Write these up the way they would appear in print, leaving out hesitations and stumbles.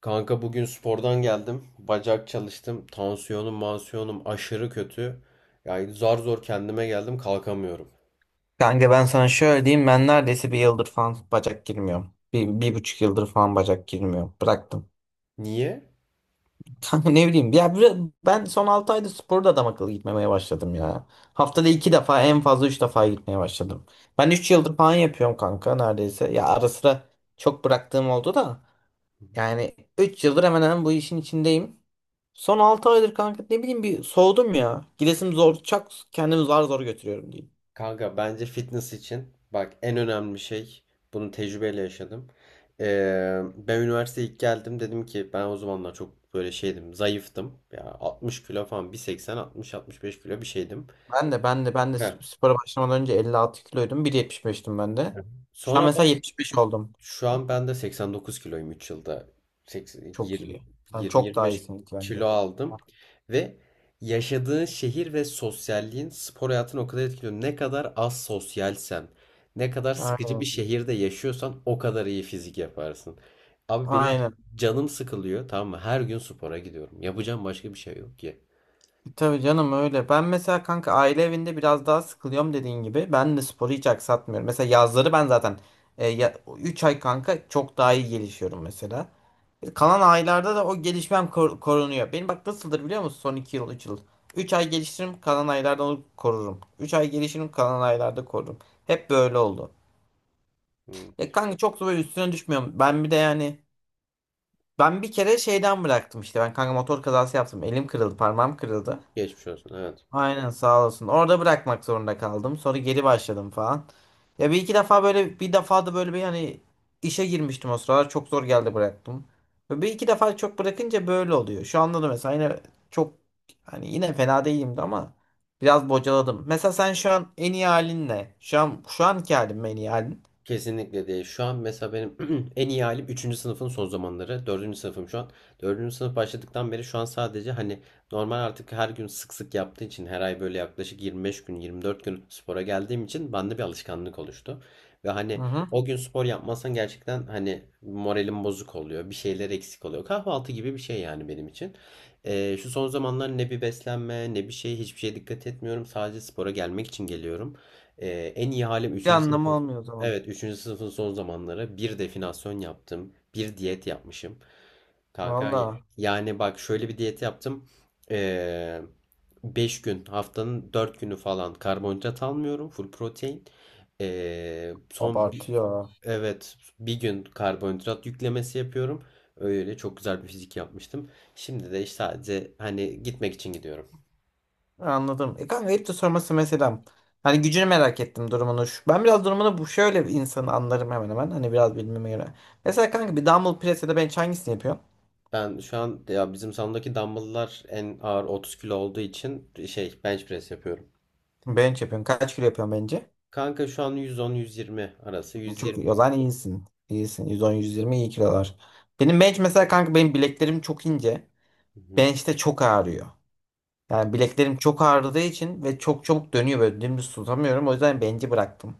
Kanka bugün spordan geldim. Bacak çalıştım. Tansiyonum, mansiyonum aşırı kötü. Yani zar zor kendime geldim, kalkamıyorum. Kanka ben sana şöyle diyeyim ben neredeyse bir yıldır falan bacak girmiyorum. Bir buçuk yıldır falan bacak girmiyorum. Bıraktım. Niye? Kanka ne bileyim ya ben son 6 ayda sporda adam akıllı gitmemeye başladım ya. Haftada 2 defa en fazla 3 defa gitmeye başladım. Ben 3 yıldır falan yapıyorum kanka neredeyse. Ya ara sıra çok bıraktığım oldu da. Yani 3 yıldır hemen hemen bu işin içindeyim. Son 6 aydır kanka ne bileyim bir soğudum ya. Gidesim zor çak kendimi zar zor götürüyorum diyeyim. Kanka bence fitness için bak en önemli şey bunu tecrübeyle yaşadım. Ben üniversiteye ilk geldim dedim ki ben o zamanlar çok böyle şeydim, zayıftım. Ya 60 kilo falan, 1.80, 60-65 kilo bir şeydim. Ben de Heh. Spora başlamadan önce 56 kiloydum. 1.75'tim ben de. Şu an Sonra mesela baş 75 oldum. Şu an ben de 89 kiloyum, 3 yılda. 80, Çok 20, iyi. Sen çok daha 20-25 iyisin ilk bence. kilo aldım. Ve yaşadığın şehir ve sosyalliğin spor hayatını o kadar etkiliyor. Ne kadar az sosyalsen, ne kadar sıkıcı bir Aynen. şehirde yaşıyorsan o kadar iyi fizik yaparsın. Abi benim Aynen. canım sıkılıyor, tamam mı? Her gün spora gidiyorum. Yapacağım başka bir şey yok ki. Tabii canım öyle. Ben mesela kanka aile evinde biraz daha sıkılıyorum dediğin gibi. Ben de sporu hiç aksatmıyorum. Mesela yazları ben zaten 3 ay kanka çok daha iyi gelişiyorum mesela. Kalan aylarda da o gelişmem korunuyor. Benim bak nasıldır biliyor musun son 2 yıl 3 yıl. Üç ay geliştiririm kalan aylarda onu korurum. 3 ay gelişirim kalan aylarda korurum. Hep böyle oldu. Hmm. Ya kanka çok da böyle üstüne düşmüyorum. Ben bir de yani ben bir kere şeyden bıraktım işte. Ben kanka motor kazası yaptım. Elim kırıldı, parmağım kırıldı. Geçmiş olsun. Evet. Aynen sağ olasın. Orada bırakmak zorunda kaldım. Sonra geri başladım falan. Ya bir iki defa böyle bir defa da böyle bir hani işe girmiştim o sıralar. Çok zor geldi bıraktım. Ve bir iki defa çok bırakınca böyle oluyor. Şu anda da mesela yine çok hani yine fena değilimdi ama biraz bocaladım. Mesela sen şu an en iyi halin ne? Şu an şu anki halin mi en iyi halin? Kesinlikle değil. Şu an mesela benim en iyi halim üçüncü sınıfın son zamanları. Dördüncü sınıfım şu an. Dördüncü sınıf başladıktan beri şu an sadece hani normal artık her gün sık sık yaptığı için, her ay böyle yaklaşık 25 gün, 24 gün spora geldiğim için bende bir alışkanlık oluştu. Ve Hı hani hı. o gün spor yapmazsan gerçekten hani moralim bozuk oluyor. Bir şeyler eksik oluyor. Kahvaltı gibi bir şey yani benim için. Şu son zamanlar ne bir beslenme ne bir şey, hiçbir şeye dikkat etmiyorum. Sadece spora gelmek için geliyorum. Ee, En iyi halim 3. Bir anlamı olmuyor o zaman. Evet, üçüncü sınıfın son zamanları bir definasyon yaptım. Bir diyet yapmışım. Kanka Valla yani bak şöyle bir diyet yaptım. Ee, 5 gün, haftanın 4 günü falan karbonhidrat almıyorum. Full protein. Ee, son bir, abartıyor. evet bir gün karbonhidrat yüklemesi yapıyorum. Öyle çok güzel bir fizik yapmıştım. Şimdi de işte sadece hani gitmek için gidiyorum. Anladım. Kanka hep de sorması mesela, hani gücünü merak ettim durumunu. Ben biraz durumunu bu şöyle bir insanı anlarım hemen hemen. Hani biraz bilmeme göre. Mesela kanka bir dumbbell press ya da bench hangisini yapıyorsun? Ben şu an ya, bizim salondaki dumbbell'lar en ağır 30 kilo olduğu için şey, bench press yapıyorum. Bench yapıyorsun. Kaç kilo yapıyorsun bence? Kanka şu an 110-120 arası. Çok 120. iyi. O zaman iyisin. İyisin. 110-120 iyi kilolar. Benim bench mesela kanka benim bileklerim çok ince. Hı hı, Bench'te çok ağrıyor. Yani bileklerim çok ağrıdığı için ve çok çabuk dönüyor böyle dümdüz tutamıyorum. O yüzden bench'i bıraktım.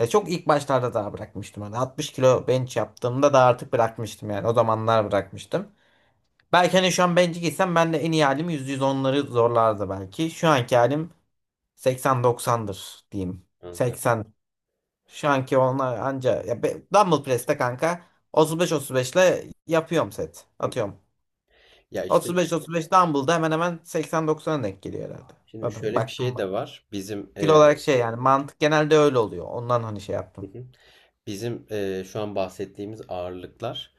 Ya çok ilk başlarda daha bırakmıştım. Hani 60 kilo bench yaptığımda da artık bırakmıştım yani. O zamanlar bırakmıştım. Belki hani şu an bench'e gitsem ben de en iyi halim 100-110'ları zorlardı belki. Şu anki halim 80-90'dır diyeyim. anladım. 80. Şu anki onlar anca. Ya dumbbell press'te kanka 35-35 ile yapıyorum set. Hı hı. Atıyorum. Ya işte 35-35 dumbbell'da hemen hemen 80-90'a denk geliyor herhalde. şimdi Zaten şöyle bir baktım. şey de var. Fil olarak şey yani mantık genelde öyle oluyor. Ondan hani şey Hı yaptım. hı. Bizim şu an bahsettiğimiz ağırlıklar,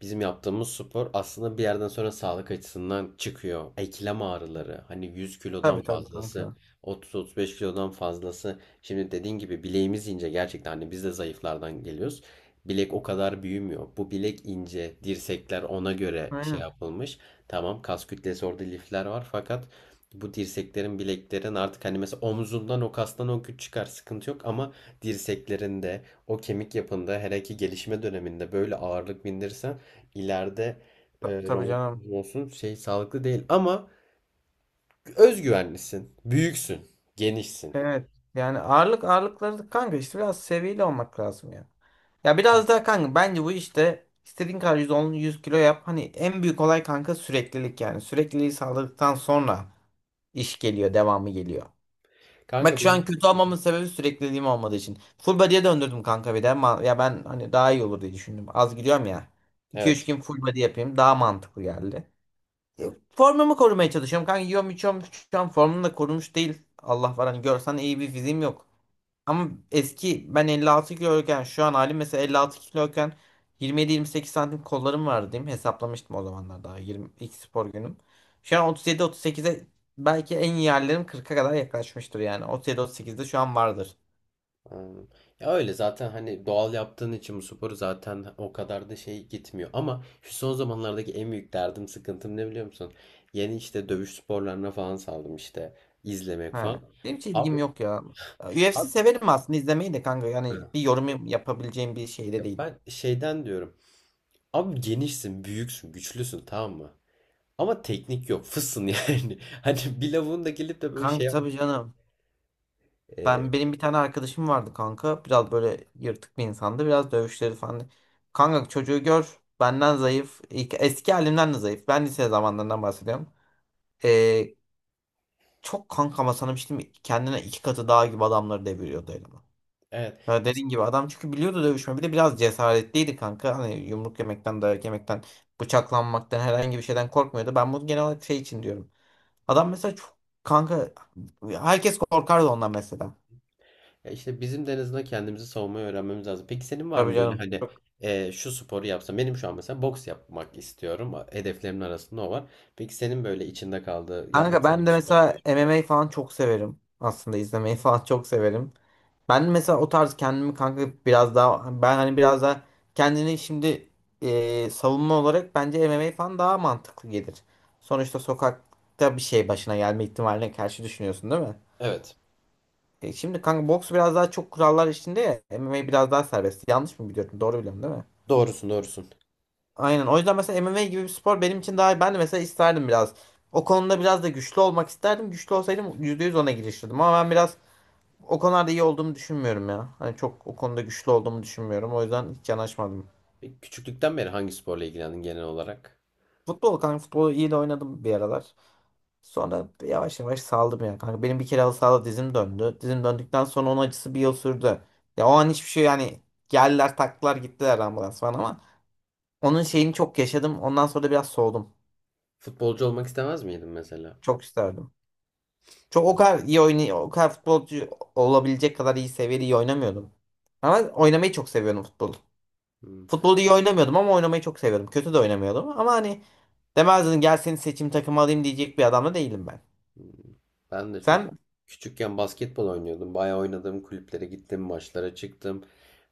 bizim yaptığımız spor aslında bir yerden sonra sağlık açısından çıkıyor. Eklem ağrıları, hani 100 kilodan Tabii tabii fazlası, kanka. 30-35 kilodan fazlası. Şimdi dediğin gibi bileğimiz ince gerçekten, hani biz de zayıflardan geliyoruz. Bilek o kadar büyümüyor. Bu bilek ince, dirsekler ona göre şey Aynen. yapılmış. Tamam, kas kütlesi orada, lifler var fakat bu dirseklerin, bileklerin artık hani, mesela omzundan, o kastan o güç çıkar sıkıntı yok ama dirseklerinde, o kemik yapında hele ki gelişme döneminde böyle ağırlık bindirirsen ileride Ta- tabii canım. romatizma olsun, şey sağlıklı değil ama özgüvenlisin, büyüksün, genişsin. Evet. Yani ağırlık ağırlıkları kanka işte biraz seviyeli olmak lazım ya. Ya biraz daha kanka bence bu işte istediğin kadar 110 100 kilo yap. Hani en büyük olay kanka süreklilik yani. Sürekliliği sağladıktan sonra iş geliyor, devamı geliyor. Bak Kanka şu an benim kötü olmamın sebebi sürekliliğim olmadığı için. Full body'ye döndürdüm kanka bir de. Ya ben hani daha iyi olur diye düşündüm. Az gidiyorum ya. İki üç evet. gün full body yapayım. Daha mantıklı geldi. Formumu korumaya çalışıyorum. Kanka yiyorum içiyorum. Şu an formum da korumuş değil. Allah var hani görsen iyi bir fiziğim yok. Ama eski ben 56 kiloyken şu an halim mesela 56 kiloyken 27-28 santim kollarım vardı diyeyim. Hesaplamıştım o zamanlar daha 20 ilk spor günüm. Şu an 37-38'e belki en iyi yerlerim 40'a kadar yaklaşmıştır yani. 37-38'de şu an vardır. Anladım. Ya öyle zaten, hani doğal yaptığın için bu sporu zaten o kadar da şey gitmiyor. Ama şu son zamanlardaki en büyük derdim, sıkıntım ne biliyor musun? Yeni işte dövüş sporlarına falan saldım işte, izlemek falan. Ha. Benim hiç ilgim Abi, yok ya. UFC abi severim aslında izlemeyi de kanka. Yani Hı. bir yorum yapabileceğim bir şeyde Ya değilim. ben şeyden diyorum. Abi genişsin, büyüksün, güçlüsün, tamam mı? Ama teknik yok. Fısın yani. Hani bir lavuğun da gelip de böyle şey Kanka yapmak. tabii canım. Ee, Ben benim bir tane arkadaşım vardı kanka. Biraz böyle yırtık bir insandı. Biraz dövüşleri falan. Kanka çocuğu gör. Benden zayıf. Eski halimden de zayıf. Ben lise zamanlarından bahsediyorum. Ee, çok kanka ama sana bir şey diyeyim mi? Kendine iki katı daha gibi adamları deviriyordu elime. evet. Ya dediğin gibi adam çünkü biliyordu dövüşme. Bir de biraz cesaretliydi kanka. Hani yumruk yemekten, dayak yemekten, bıçaklanmaktan herhangi bir şeyden korkmuyordu. Ben bunu genel olarak şey için diyorum. Adam mesela çok kanka herkes korkardı ondan mesela. Ya işte bizim de en azından kendimizi savunmayı öğrenmemiz lazım. Peki senin var Tabii mı böyle canım. hani şu sporu yapsam? Benim şu an mesela boks yapmak istiyorum. Hedeflerimin arasında o var. Peki senin böyle içinde kaldığı, yapmak Kanka ben istediğin bir de mesela spor? MMA falan çok severim. Aslında izlemeyi falan çok severim. Ben mesela o tarz kendimi kanka biraz daha ben hani biraz daha kendini şimdi savunma olarak bence MMA falan daha mantıklı gelir. Sonuçta sokakta bir şey başına gelme ihtimaline karşı düşünüyorsun değil mi? Evet. Şimdi kanka boks biraz daha çok kurallar içinde ya MMA biraz daha serbest. Yanlış mı biliyorum? Doğru biliyorum değil mi? Doğrusun, doğrusun. Aynen. O yüzden mesela MMA gibi bir spor benim için daha ben de mesela isterdim biraz. O konuda biraz da güçlü olmak isterdim. Güçlü olsaydım %100 ona girişirdim. Ama ben biraz o konularda iyi olduğumu düşünmüyorum ya. Hani çok o konuda güçlü olduğumu düşünmüyorum. O yüzden hiç yanaşmadım. Peki küçüklükten beri hangi sporla ilgilendin genel olarak? Futbol kanka futbolu iyi de oynadım bir aralar. Sonra yavaş yavaş saldım ya kanka. Benim bir kere halı sahada dizim döndü. Dizim döndükten sonra onun acısı bir yıl sürdü. Ya o an hiçbir şey yani geldiler taktılar gittiler ambulans falan ama onun şeyini çok yaşadım. Ondan sonra da biraz soğudum. Futbolcu olmak istemez miydin mesela? Çok isterdim. Çok o kadar iyi oynay o kadar futbolcu olabilecek kadar iyi seviyede iyi oynamıyordum. Ama oynamayı çok seviyordum futbol. Hmm. Futbolu iyi oynamıyordum ama oynamayı çok seviyordum. Kötü de oynamıyordum ama hani demezdin gel seni seçim takımı alayım diyecek bir adam da değilim ben. Ben de çünkü Sen? küçükken basketbol oynuyordum. Bayağı oynadım, kulüplere gittim, maçlara çıktım.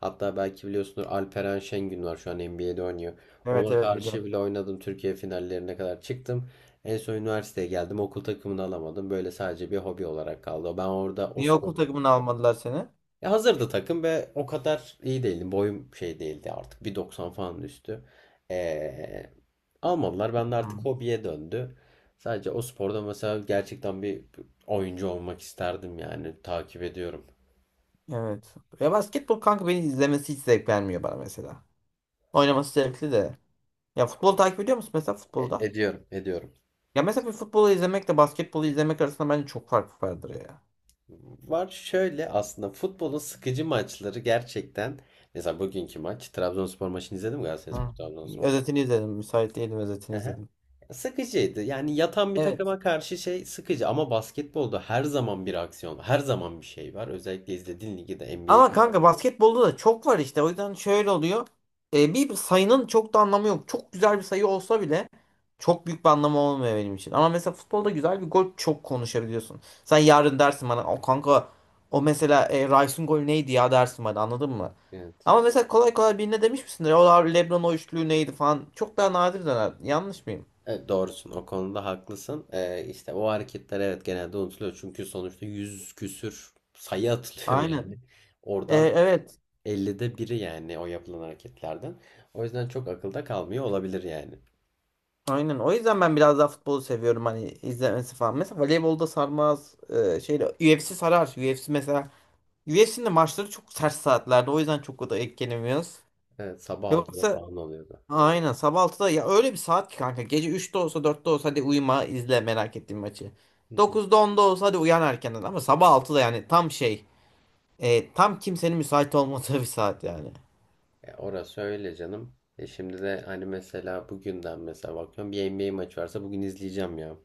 Hatta belki biliyorsunuz, Alperen Şengün var, şu an NBA'de oynuyor. Evet Ona evet karşı biliyorum. bile oynadım. Türkiye finallerine kadar çıktım. En son üniversiteye geldim. Okul takımını alamadım. Böyle sadece bir hobi olarak kaldı. Ben orada o Niye spor, okul takımını almadılar seni? ya hazırdı takım ve o kadar iyi değildi. Boyum şey değildi artık. 1.90 falan üstü. Ee, almadılar. Ben de artık Hı. hobiye döndü. Sadece o sporda mesela gerçekten bir oyuncu olmak isterdim yani. Takip ediyorum. Evet. Ya basketbol kanka beni izlemesi hiç zevk vermiyor bana mesela. Oynaması zevkli de. Ya futbol takip ediyor musun mesela futbolda? Ediyorum, ediyorum. Ya mesela bir futbolu izlemekle basketbolu izlemek arasında bence çok fark vardır ya. Var şöyle, aslında futbolun sıkıcı maçları gerçekten. Mesela bugünkü maç. Trabzonspor maçını izledim mi? Galatasaray Hı. Trabzonspor. Özetini izledim. Müsait değilim özetini Aha. izledim. Sıkıcıydı. Yani yatan bir Evet. takıma karşı şey sıkıcı ama basketbolda her zaman bir aksiyon, her zaman bir şey var. Özellikle izlediğin ligi de NBA. Ama kanka basketbolda da çok var işte. O yüzden şöyle oluyor. Bir sayının çok da anlamı yok. Çok güzel bir sayı olsa bile çok büyük bir anlamı olmuyor benim için. Ama mesela futbolda güzel bir gol çok konuşabiliyorsun. Sen yarın dersin bana o kanka o mesela Rice'ın golü neydi ya dersin bana anladın mı? Evet. Ama mesela kolay kolay birine demiş misindir? O LeBron o üçlüğü neydi falan. Çok daha nadir döner. Yanlış mıyım? Evet, doğrusun, o konuda haklısın. İşte o hareketler evet genelde unutuluyor. Çünkü sonuçta yüz küsür sayı atılıyor Aynen. yani. E, Oradan evet. 50'de biri yani o yapılan hareketlerden. O yüzden çok akılda kalmıyor olabilir yani. Aynen. O yüzden ben biraz daha futbolu seviyorum hani izlemesi falan. Mesela voleybolda sarmaz. Şeyle UFC sarar. UFC mesela UFC'nin de maçları çok ters saatlerde. O yüzden çok da etkilenemiyoruz. Evet, sabah altıda Yoksa falan oluyordu. aynen sabah altıda ya öyle bir saat ki kanka. Gece 3'te olsa 4'te olsa hadi uyuma izle merak ettiğin maçı. Hı hı. 9'da 10'da olsa hadi uyan erkenden ama sabah altıda yani tam şey tam kimsenin müsait olmadığı bir saat yani. E, orası öyle canım. E şimdi de hani mesela bugünden, mesela bakıyorum bir NBA maçı varsa bugün izleyeceğim ya.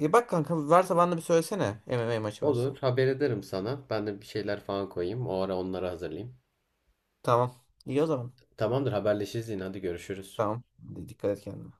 Bak kanka varsa bana da bir söylesene MMA maçı varsa. Olur, haber ederim sana. Ben de bir şeyler falan koyayım. O ara onları hazırlayayım. Tamam. İyi o zaman. Tamamdır, haberleşiriz yine, hadi görüşürüz. Tamam. Dikkat et kendine.